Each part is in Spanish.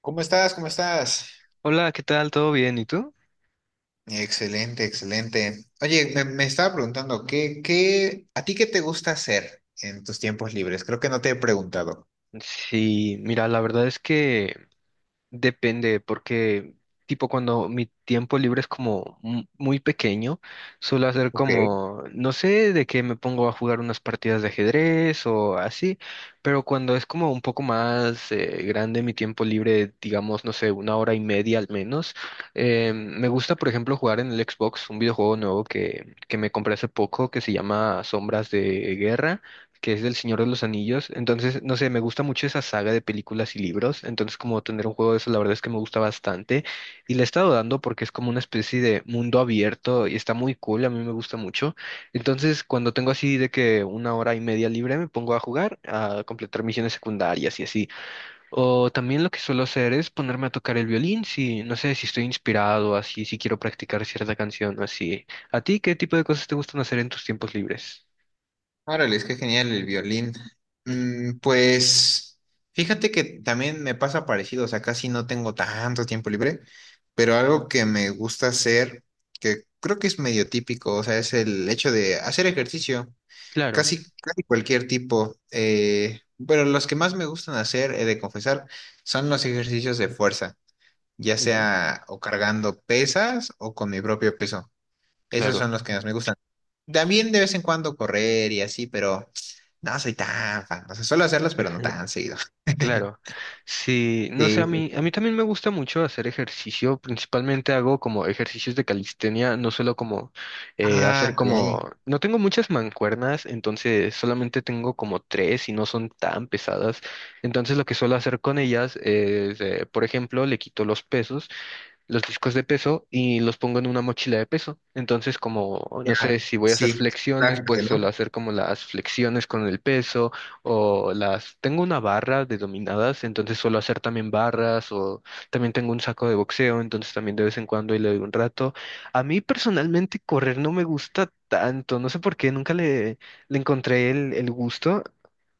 ¿Cómo estás? ¿Cómo estás? Hola, ¿qué tal? ¿Todo bien? ¿Y tú? Excelente, excelente. Oye, me estaba preguntando, ¿a ti qué te gusta hacer en tus tiempos libres? Creo que no te he preguntado. Sí, mira, la verdad es que depende, porque tipo cuando mi tiempo libre es como muy pequeño, suelo hacer Ok. como, no sé, de que me pongo a jugar unas partidas de ajedrez o así, pero cuando es como un poco más grande mi tiempo libre, digamos, no sé, 1 hora y media al menos, me gusta, por ejemplo, jugar en el Xbox un videojuego nuevo que me compré hace poco que se llama Sombras de Guerra, que es del Señor de los Anillos. Entonces, no sé, me gusta mucho esa saga de películas y libros. Entonces, como tener un juego de eso, la verdad es que me gusta bastante. Y le he estado dando porque es como una especie de mundo abierto y está muy cool, a mí me gusta mucho. Entonces, cuando tengo así de que 1 hora y media libre, me pongo a jugar, a completar misiones secundarias y así. O también lo que suelo hacer es ponerme a tocar el violín, si no sé si estoy inspirado, así, si quiero practicar cierta canción o así. ¿A ti qué tipo de cosas te gustan hacer en tus tiempos libres? Órale, es que genial el violín. Ujú. Pues fíjate que también me pasa parecido, o sea, casi no tengo tanto tiempo libre, pero algo que me gusta hacer, que creo que es medio típico, o sea, es el hecho de hacer ejercicio. Claro. Casi, casi cualquier tipo. Pero los que más me gustan hacer, he de confesar, son los ejercicios de fuerza, ya sea o cargando pesas o con mi propio peso. Esos Claro, son los que más me gustan. También de vez en cuando correr y así, pero no soy tan fan. O sea, suelo hacerlos, pero no tan seguido. claro. Sí, no sé, Sí. a mí también me gusta mucho hacer ejercicio. Principalmente hago como ejercicios de calistenia, no solo como Ah, hacer ok. como... No tengo muchas mancuernas, entonces solamente tengo como tres y no son tan pesadas. Entonces lo que suelo hacer con ellas es, por ejemplo, le quito los pesos, los discos de peso y los pongo en una mochila de peso. Entonces, como, Ya, no sé, si voy a hacer sí. flexiones, Claro, pues suelo ¿no? hacer como las flexiones con el peso o las... Tengo una barra de dominadas, entonces suelo hacer también barras o también tengo un saco de boxeo, entonces también de vez en cuando y le doy un rato. A mí personalmente correr no me gusta tanto, no sé por qué, nunca le encontré el gusto.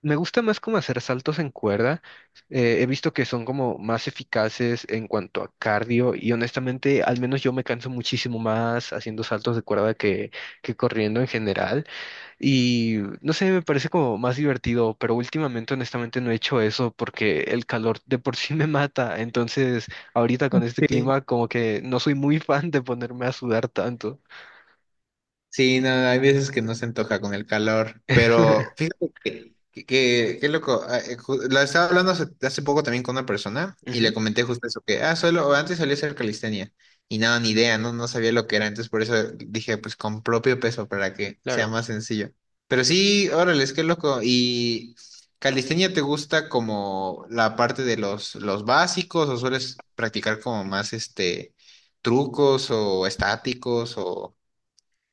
Me gusta más como hacer saltos en cuerda, he visto que son como más eficaces en cuanto a cardio y honestamente, al menos yo me canso muchísimo más haciendo saltos de cuerda que corriendo en general y no sé, me parece como más divertido, pero últimamente honestamente no he hecho eso porque el calor de por sí me mata, entonces ahorita con este Sí. clima como que no soy muy fan de ponerme a sudar tanto. Sí, no, hay veces que no se antoja con el calor, pero fíjate que, qué loco, lo estaba hablando hace poco también con una persona y le Ujú, comenté justo eso, que, solo, antes solía hacer calistenia y nada, ni idea, no sabía lo que era, entonces por eso dije, pues con propio peso para que sea claro. más sencillo. Pero sí, órale, es que loco, y calistenia te gusta como la parte de los básicos o sueles practicar como más este trucos o estáticos o...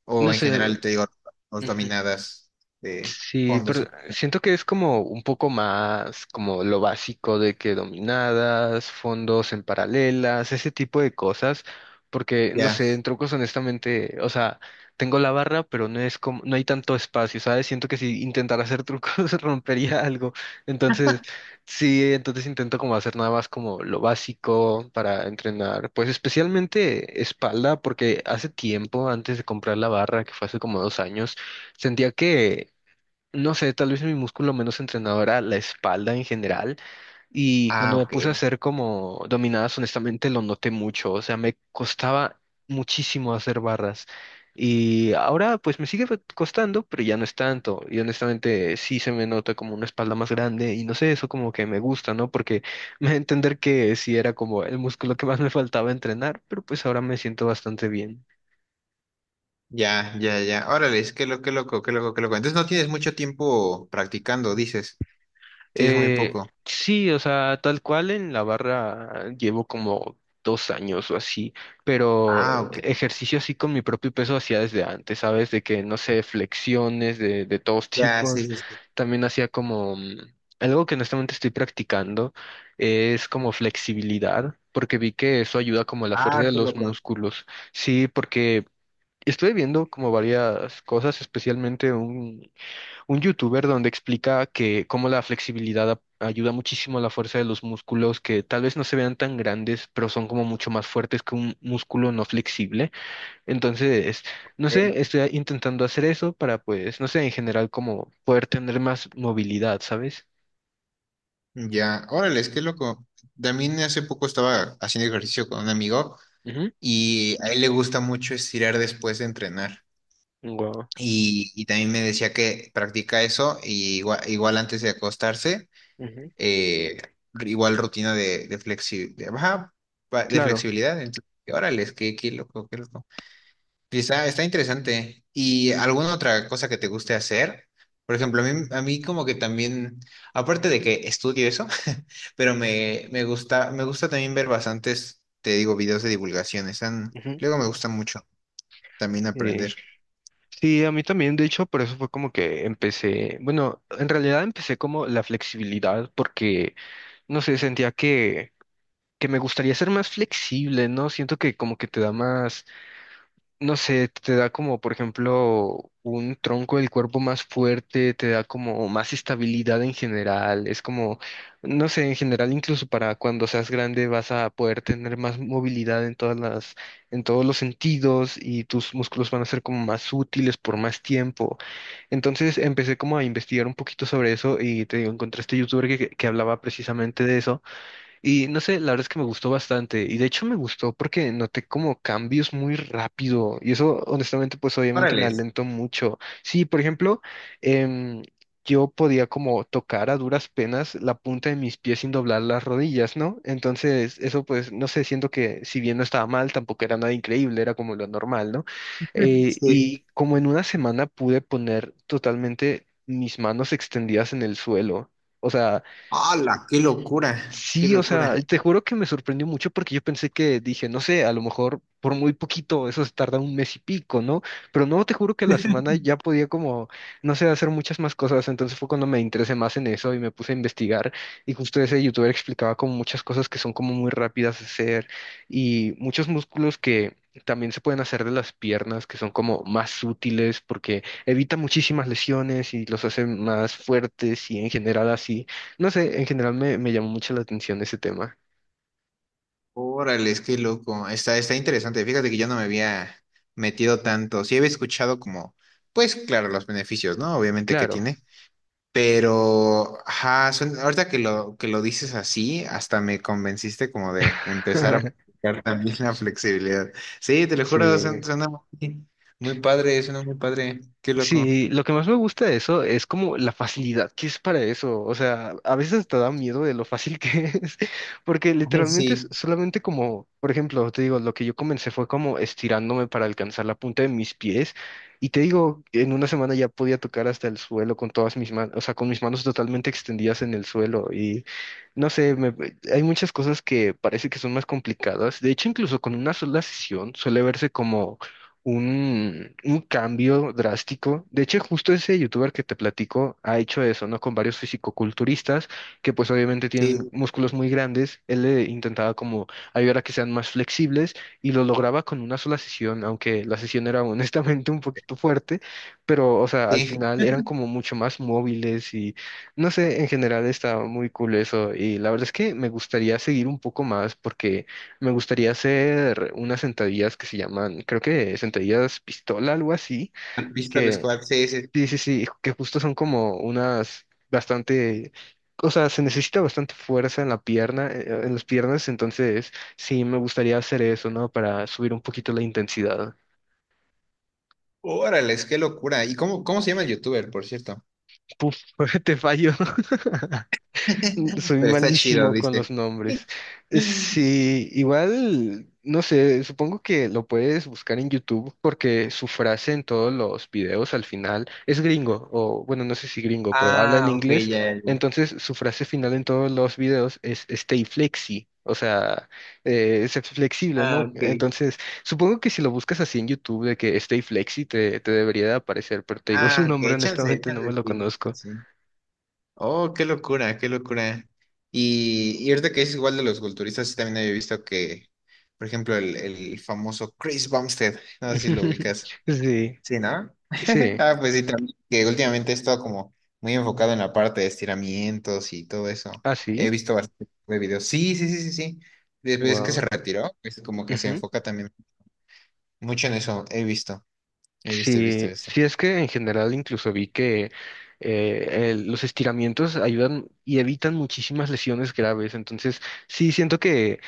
O No en sé. general, te digo, los Ujú. dominadas de Sí, fondos pero y... siento que es como un poco más como lo básico de que dominadas, fondos en paralelas, ese tipo de cosas, porque no Ya. sé, en trucos honestamente, o sea, tengo la barra, pero no es como, no hay tanto espacio, ¿sabes? Siento que si intentara hacer trucos rompería algo. Entonces, sí, entonces intento como hacer nada más como lo básico para entrenar, pues especialmente espalda, porque hace tiempo, antes de comprar la barra, que fue hace como 2 años, sentía que, no sé, tal vez mi músculo menos entrenado era la espalda en general y Ah, cuando me ok. puse a hacer como dominadas, honestamente lo noté mucho, o sea, me costaba muchísimo hacer barras y ahora pues me sigue costando, pero ya no es tanto y honestamente sí se me nota como una espalda más grande y no sé, eso como que me gusta, ¿no? Porque me da a entender que sí era como el músculo que más me faltaba entrenar, pero pues ahora me siento bastante bien. Ya, ya, ya. Órale, qué loco, qué loco, qué loco. Entonces no tienes mucho tiempo practicando, dices. Tienes muy Eh, poco. sí, o sea, tal cual en la barra llevo como 2 años o así, Ah, pero ok. ejercicio así con mi propio peso hacía desde antes, ¿sabes? De que, no sé, flexiones de todos Ya, sí, tipos. sí, sí. También hacía como algo que honestamente estoy practicando, es como flexibilidad, porque vi que eso ayuda como a la fuerza Ah, de qué los loco. músculos. Sí, porque estuve viendo como varias cosas, especialmente un youtuber donde explica que cómo la flexibilidad ayuda muchísimo a la fuerza de los músculos, que tal vez no se vean tan grandes, pero son como mucho más fuertes que un músculo no flexible. Entonces, no sé, Ok. estoy intentando hacer eso para, pues, no sé, en general, como poder tener más movilidad, ¿sabes? Ya, órale, qué loco. También hace poco estaba haciendo ejercicio con un amigo Ujú. y a él le gusta mucho estirar después de entrenar. Guau. Y también me decía que practica eso y igual, antes de acostarse Ujú. eh, igual rutina de ajá, de Claro. flexibilidad. Entonces, órale, qué loco, qué loco. Y está, está interesante. ¿Y alguna otra cosa que te guste hacer? Por ejemplo, a mí como que también, aparte de que estudio eso, pero me gusta, me gusta también ver bastantes, te digo, videos de divulgación. Están, Ujú. luego me gusta mucho también Eh, aprender. Sí, a mí también, de hecho, por eso fue como que empecé, bueno, en realidad empecé como la flexibilidad porque, no sé, sentía que me gustaría ser más flexible, ¿no? Siento que como que te da más, no sé, te da como, por ejemplo, un tronco del cuerpo más fuerte, te da como más estabilidad en general, es como, no sé, en general incluso para cuando seas grande vas a poder tener más movilidad en todas las, en todos los sentidos y tus músculos van a ser como más útiles por más tiempo. Entonces empecé como a investigar un poquito sobre eso y te digo, encontré este youtuber que hablaba precisamente de eso. Y no sé, la verdad es que me gustó bastante. Y de hecho me gustó porque noté como cambios muy rápido. Y eso, honestamente, pues obviamente me Órale. alentó mucho. Sí, por ejemplo, em, yo podía como tocar a duras penas la punta de mis pies sin doblar las rodillas, ¿no? Entonces, eso pues, no sé, siento que si bien no estaba mal, tampoco era nada increíble, era como lo normal, ¿no? Eh, Sí. y como en 1 semana pude poner totalmente mis manos extendidas en el suelo. O sea, ¡Hala! ¡Qué locura! ¡Qué sí, o sea, locura! te juro que me sorprendió mucho porque yo pensé que dije, no sé, a lo mejor por muy poquito, eso se tarda 1 mes y pico, ¿no? Pero no, te juro que la semana ya podía como, no sé, hacer muchas más cosas, entonces fue cuando me interesé más en eso y me puse a investigar y justo ese youtuber explicaba como muchas cosas que son como muy rápidas de hacer y muchos músculos que... También se pueden hacer de las piernas, que son como más útiles porque evita muchísimas lesiones y los hace más fuertes y en general así. No sé, en general me, me llamó mucho la atención ese tema. Órale, es que loco. Está, está interesante. Fíjate que yo no me había metido tanto. Sí había escuchado como, pues claro, los beneficios, ¿no? Obviamente que Claro. tiene. Pero, ajá, ahorita que que lo dices así, hasta me convenciste como de empezar a aplicar también la flexibilidad. Sí, te lo juro, Sí. suena, suena muy, muy padre, suena muy padre. Qué loco. Sí, lo que más me gusta de eso es como la facilidad que es para eso. O sea, a veces te da miedo de lo fácil que es, porque Ay, literalmente es sí, solamente como, por ejemplo, te digo, lo que yo comencé fue como estirándome para alcanzar la punta de mis pies y te digo, en 1 semana ya podía tocar hasta el suelo con todas mis manos, o sea, con mis manos totalmente extendidas en el suelo y no sé, hay muchas cosas que parece que son más complicadas. De hecho, incluso con una sola sesión suele verse como un cambio drástico. De hecho, justo ese youtuber que te platico ha hecho eso, ¿no? Con varios fisicoculturistas que pues obviamente tienen sí, músculos muy grandes. Él le intentaba como ayudar a que sean más flexibles y lo lograba con una sola sesión, aunque la sesión era honestamente un poquito fuerte, pero o sea, al sí. final eran como mucho más móviles y no sé, en general estaba muy cool eso y la verdad es que me gustaría seguir un poco más porque... Me gustaría hacer unas sentadillas que se llaman, creo que sentadillas pistola, algo así, Pistol que Squad, sí, sí, sí, sí. sí, sí, que justo son como unas bastante, o sea, se necesita bastante fuerza en la pierna, en las piernas, entonces sí, me gustaría hacer eso, ¿no? Para subir un poquito la intensidad. Órale, qué locura. ¿Y cómo, cómo se llama el youtuber, por cierto? Puf, te fallo. Soy Pero está chido, malísimo con los dice. nombres. Sí, igual, no sé, supongo que lo puedes buscar en YouTube porque su frase en todos los videos al final es gringo, o bueno, no sé si gringo, pero habla en Ah, ok, inglés. ya, ya, ya. Entonces, su frase final en todos los videos es stay flexi, o sea, ser flexible, Ah, ¿no? ok. Entonces, supongo que si lo buscas así en YouTube de que stay flexi te, te debería de aparecer, pero te digo su Ah, nombre, ok, chance, honestamente no chance, me lo sí, sí, conozco. sí. Oh, qué locura, qué locura. Y ahorita que es igual de los culturistas, sí también había visto que, por ejemplo, el famoso Chris Bumstead, no sé si lo ubicas. Sí, Sí, ¿no? sí. Ah, pues sí, también, que últimamente he estado como muy enfocado en la parte de estiramientos y todo eso. Ah, sí, He visto bastante de videos. Sí, sí, sí, sí, sí. Después que se wow. retiró, pues como que se Ujú. enfoca también mucho en eso. He visto, he visto, he visto Sí, esto. sí es que en general incluso vi que los estiramientos ayudan y evitan muchísimas lesiones graves. Entonces, sí siento que,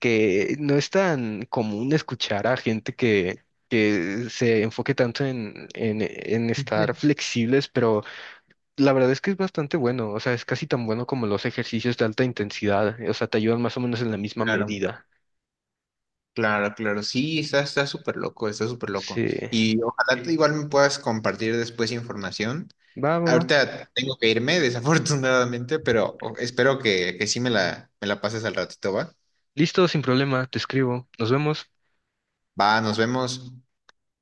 no es tan común escuchar a gente que se enfoque tanto en estar flexibles, pero la verdad es que es bastante bueno. O sea, es casi tan bueno como los ejercicios de alta intensidad. O sea, te ayudan más o menos en la misma Claro, medida. claro, claro. Sí, está, está súper loco, está súper loco. Sí. Y ojalá tú igual me puedas compartir después información. Va, va, va. Ahorita tengo que irme, desafortunadamente, pero espero que sí me la pases al ratito, ¿va? Listo, sin problema, te escribo. Nos vemos. Va, nos vemos.